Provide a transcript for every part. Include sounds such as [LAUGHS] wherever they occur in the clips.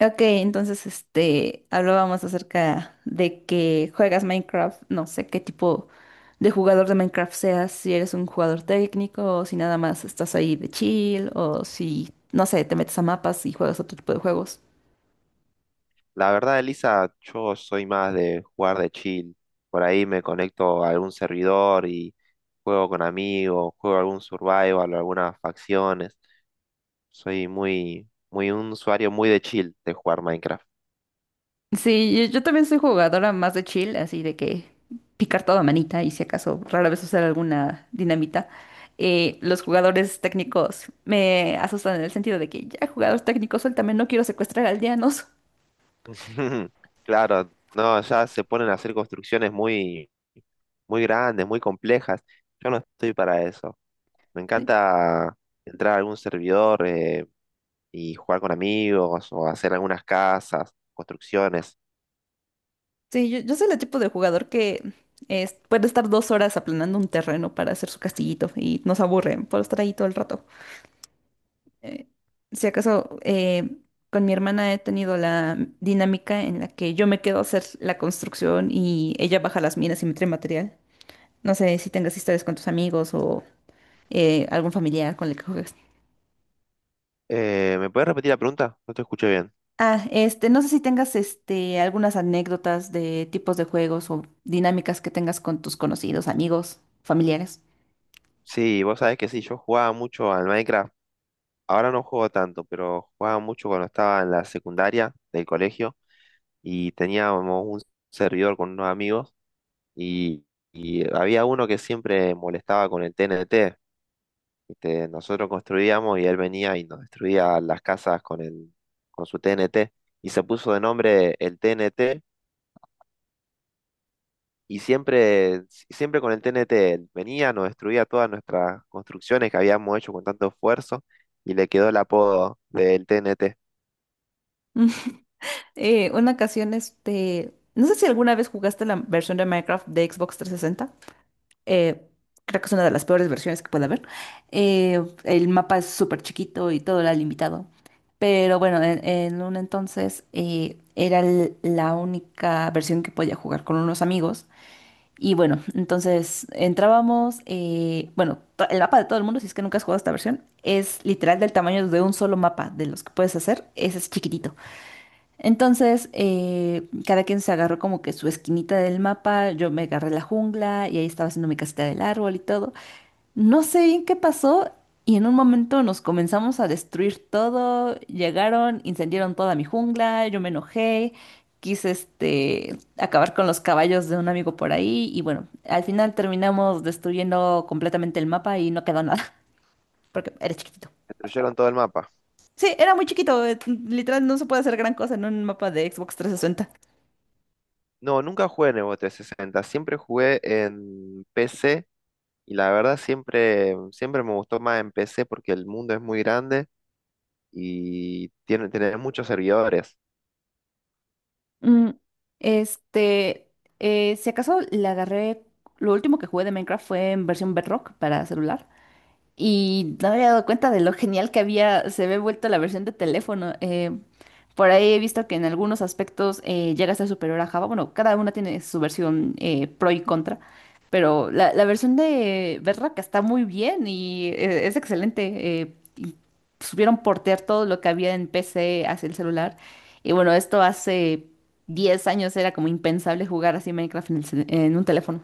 Ok, entonces hablábamos acerca de que juegas Minecraft. No sé qué tipo de jugador de Minecraft seas, si eres un jugador técnico o si nada más estás ahí de chill o si, no sé, te metes a mapas y juegas otro tipo de juegos. La verdad, Elisa, yo soy más de jugar de chill. Por ahí me conecto a algún servidor y juego con amigos, juego algún survival o algunas facciones. Soy muy un usuario muy de chill de jugar Minecraft. Sí, yo también soy jugadora más de chill, así de que picar toda manita y si acaso rara vez usar alguna dinamita. Los jugadores técnicos me asustan en el sentido de que ya jugador técnico, también no quiero secuestrar aldeanos. [LAUGHS] Claro, no, ya se ponen a hacer construcciones muy, muy grandes, muy complejas. Yo no estoy para eso. Me encanta entrar a algún servidor y jugar con amigos o hacer algunas casas, construcciones. Sí, yo soy el tipo de jugador que puede estar 2 horas aplanando un terreno para hacer su castillito y nos aburre por estar ahí todo el rato. Eh, si acaso, con mi hermana he tenido la dinámica en la que yo me quedo a hacer la construcción y ella baja las minas y me trae material. No sé si tengas historias con tus amigos o algún familiar con el que juegas. ¿Me puedes repetir la pregunta? No te escuché bien. Ah, no sé si tengas algunas anécdotas de tipos de juegos o dinámicas que tengas con tus conocidos, amigos, familiares. Sí, vos sabés que sí, yo jugaba mucho al Minecraft. Ahora no juego tanto, pero jugaba mucho cuando estaba en la secundaria del colegio y teníamos un servidor con unos amigos y, y había uno que siempre molestaba con el TNT. ¿Viste? Nosotros construíamos y él venía y nos destruía las casas con su TNT y se puso de nombre el TNT. Y siempre, siempre con el TNT venía, nos destruía todas nuestras construcciones que habíamos hecho con tanto esfuerzo y le quedó el apodo del TNT. Una ocasión, no sé si alguna vez jugaste la versión de Minecraft de Xbox 360. Eh, Creo que es una de las peores versiones que puede haber. El mapa es súper chiquito y todo era limitado. Pero bueno, en un entonces era la única versión que podía jugar con unos amigos. Y bueno, entonces entrábamos, bueno, el mapa de todo el mundo, si es que nunca has jugado esta versión, es literal del tamaño de un solo mapa, de los que puedes hacer, ese es chiquitito. Entonces, cada quien se agarró como que su esquinita del mapa, yo me agarré la jungla y ahí estaba haciendo mi casita del árbol y todo. No sé bien qué pasó y en un momento nos comenzamos a destruir todo, llegaron, incendiaron toda mi jungla, yo me enojé, quise acabar con los caballos de un amigo por ahí y bueno, al final terminamos destruyendo completamente el mapa y no quedó nada, [LAUGHS] porque era chiquitito. Destruyeron todo el mapa. Sí, era muy chiquito, literal no se puede hacer gran cosa en un mapa de Xbox trescientos sesenta. No, nunca jugué en Evo 360, siempre jugué en PC y la verdad siempre, siempre me gustó más en PC porque el mundo es muy grande y tiene muchos servidores. Mm, este, si acaso la agarré, lo último que jugué de Minecraft fue en versión Bedrock para celular. Y no me había dado cuenta de lo genial que había, se había vuelto la versión de teléfono. Por ahí he visto que en algunos aspectos llega a ser superior a Java. Bueno, cada una tiene su versión pro y contra, pero la versión de Bedrock está muy bien y es excelente. Y supieron portear todo lo que había en PC hacia el celular. Y bueno, esto hace 10 años era como impensable jugar así Minecraft en el en un teléfono.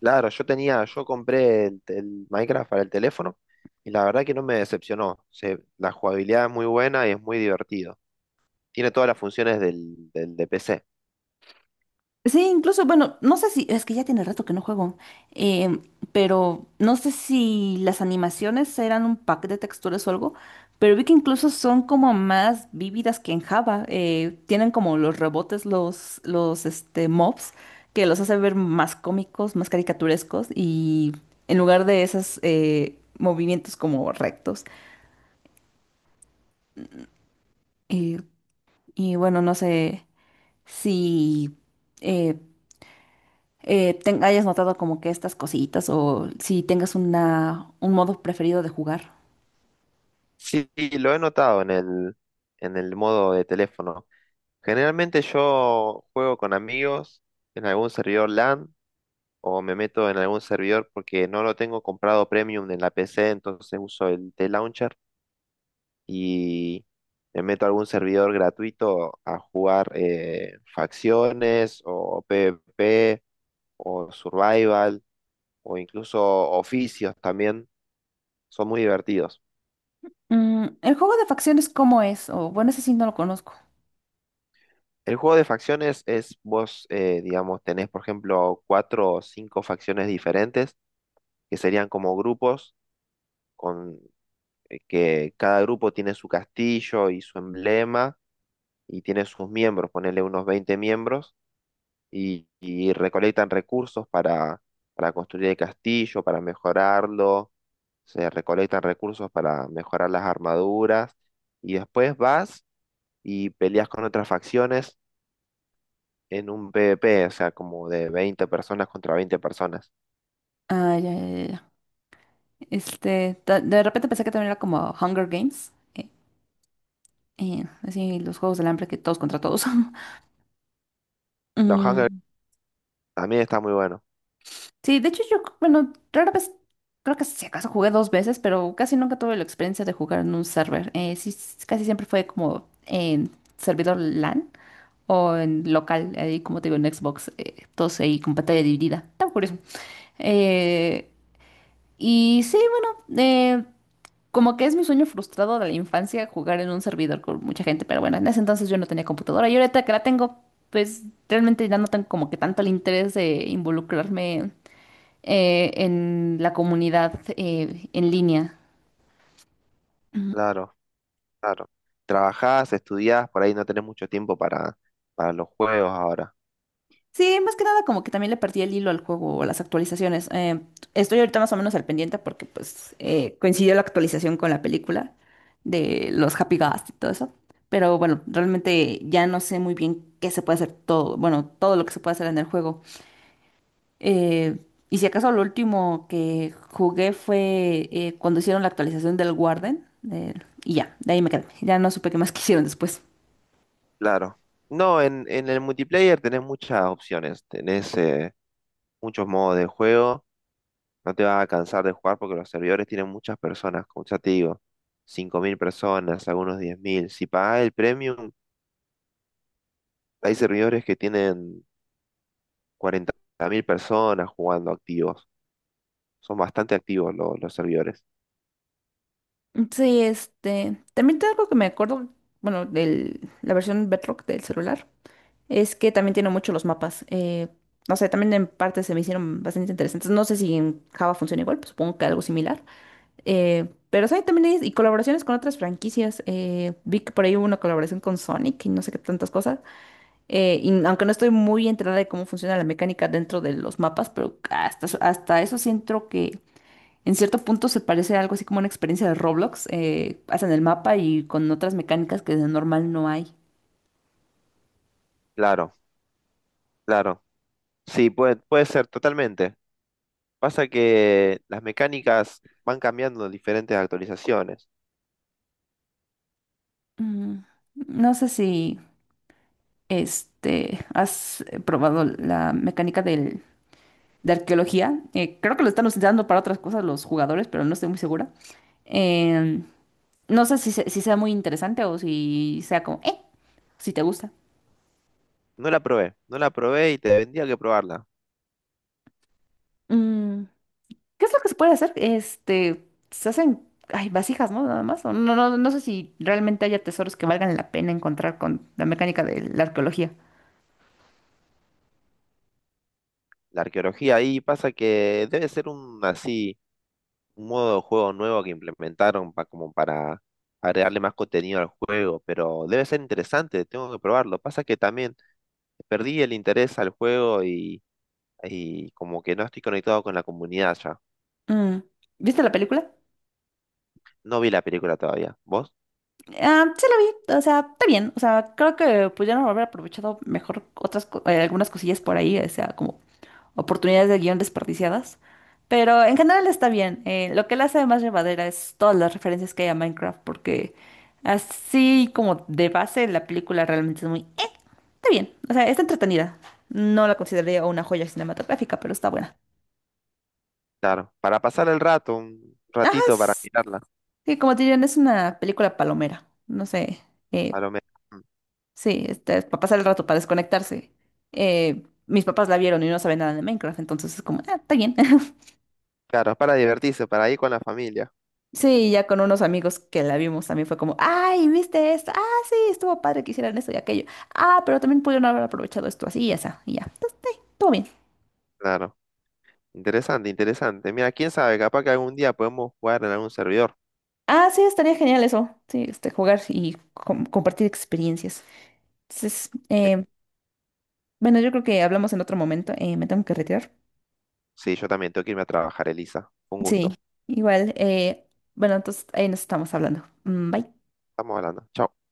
Claro, yo tenía, yo compré el Minecraft para el teléfono y la verdad que no me decepcionó. La jugabilidad es muy buena y es muy divertido. Tiene todas las funciones del de PC. Sí, incluso, bueno, no sé si, es que ya tiene rato que no juego, em, pero no sé si las animaciones eran un pack de texturas o algo, pero vi que incluso son como más vívidas que en Java. Tienen como los rebotes, los mobs, que los hace ver más cómicos, más caricaturescos, y en lugar de esos movimientos como rectos. Eh, y bueno, no sé si... eh, hayas notado como que estas cositas o si tengas una, un modo preferido de jugar. Sí, lo he notado en el modo de teléfono. Generalmente yo juego con amigos en algún servidor LAN o me meto en algún servidor porque no lo tengo comprado premium en la PC, entonces uso el T-Launcher y me meto a algún servidor gratuito a jugar facciones o PvP o Survival o incluso oficios también. Son muy divertidos. Mm, ¿el juego de facciones cómo es? O bueno, ese sí no lo conozco. El juego de facciones es vos, digamos, tenés, por ejemplo, cuatro o cinco facciones diferentes, que serían como grupos, con que cada grupo tiene su castillo y su emblema y tiene sus miembros, ponerle unos 20 miembros y recolectan recursos para construir el castillo, para mejorarlo, se recolectan recursos para mejorar las armaduras y después vas y peleas con otras facciones en un PvP, o sea, como de 20 personas contra 20 personas. Ah, ya, ya, ya. Ya. Este, de repente pensé que también era como Hunger Games. Así los juegos del hambre, que todos contra todos. [LAUGHS] Los Hunger Mm, también está muy bueno. sí, de hecho yo, bueno, rara vez, creo que si acaso jugué dos veces, pero casi nunca tuve la experiencia de jugar en un server. Sí, casi siempre fue como en servidor LAN. O en local, ahí como te digo, en Xbox, todos ahí con pantalla dividida. Está curioso. Eh, y sí, bueno, eh, Como que es mi sueño frustrado de la infancia jugar en un servidor con mucha gente, pero bueno, en ese entonces yo no tenía computadora y ahorita que la tengo, pues realmente ya no tengo como que tanto el interés de involucrarme en la comunidad en línea. Claro, claro. Trabajás, estudiás, por ahí no tenés mucho tiempo para los juegos ahora. Sí, más que nada como que también le perdí el hilo al juego o a las actualizaciones. Estoy ahorita más o menos al pendiente porque pues coincidió la actualización con la película de los Happy Ghast y todo eso. Pero bueno, realmente ya no sé muy bien qué se puede hacer todo, bueno, todo lo que se puede hacer en el juego. Eh, y si acaso lo último que jugué fue cuando hicieron la actualización del Warden, eh, y ya, de ahí me quedé. Ya no supe qué más [LAUGHS] quisieron después. Claro. No, en el multiplayer tenés muchas opciones, tenés muchos modos de juego, no te vas a cansar de jugar porque los servidores tienen muchas personas, como ya te digo, 5.000 personas, algunos 10.000. Si pagás el premium, hay servidores que tienen 40.000 personas jugando activos. Son bastante activos los servidores. Sí, este, también te algo que me acuerdo, bueno, de la versión Bedrock del celular, es que también tiene mucho los mapas. No sé, también en parte se me hicieron bastante interesantes. No sé si en Java funciona igual, pues supongo que algo similar. Pero sí, también hay y colaboraciones con otras franquicias. Vi que por ahí hubo una colaboración con Sonic y no sé qué tantas cosas. Y aunque no estoy muy enterada de cómo funciona la mecánica dentro de los mapas, pero hasta eso siento que en cierto punto se parece a algo así como una experiencia de Roblox. Hacen el mapa y con otras mecánicas que de normal no hay. Claro, claro. Sí, puede ser, totalmente. Pasa que las mecánicas van cambiando en diferentes actualizaciones. Mm, no sé si has probado la mecánica de arqueología. Creo que lo están usando para otras cosas los jugadores, pero no estoy muy segura. Eh, no sé si, si sea muy interesante o si sea como, si te gusta. No la probé, no la probé y te vendría que probarla. Mm, ¿qué es lo que se puede hacer? Este, se hacen, ay, vasijas, ¿no? Nada más. O no, no, no sé si realmente haya tesoros que valgan la pena encontrar con la mecánica de la arqueología. La arqueología ahí pasa que debe ser un así, un modo de juego nuevo que implementaron como para agregarle más contenido al juego, pero debe ser interesante, tengo que probarlo. Pasa que también perdí el interés al juego y como que no estoy conectado con la comunidad ya. Mm, ¿viste la película? No vi la película todavía. ¿Vos? Ah, sí la vi, o sea, está bien, o sea, creo que pudieron haber aprovechado mejor otras, algunas cosillas por ahí, o sea, como oportunidades de guión desperdiciadas, pero en general está bien. Lo que la hace más llevadera es todas las referencias que hay a Minecraft, porque así como de base la película realmente es muy... Está bien, o sea, está entretenida. No la consideraría una joya cinematográfica, pero está buena. Claro. Para pasar el rato, un Ajá, ratito para mirarla, sí, como te dirían, es una película palomera. No sé, a eh, lo menos. Mm. sí, es para pasar el rato, para desconectarse. Mis papás la vieron y no saben nada de Minecraft, entonces es como, ah, está bien. [LAUGHS] Claro, es para divertirse, para ir con la familia. Sí, ya con unos amigos que la vimos también fue como, ay, ¿viste esto? Ah, sí, estuvo padre que hicieran esto y aquello. Ah, pero también pudieron haber aprovechado esto así y esa, y ya. Entonces, sí, todo bien. Claro. Interesante, interesante. Mira, quién sabe, capaz que algún día podemos jugar en algún servidor. Ah, sí, estaría genial eso. Sí, jugar y compartir experiencias. Entonces, Sí, bueno, yo creo que hablamos en otro momento. Me tengo que retirar. sí, yo también tengo que irme a trabajar, Elisa. Un gusto. Sí, igual. Bueno, entonces ahí nos estamos hablando. Mm, bye. Estamos hablando. Chao.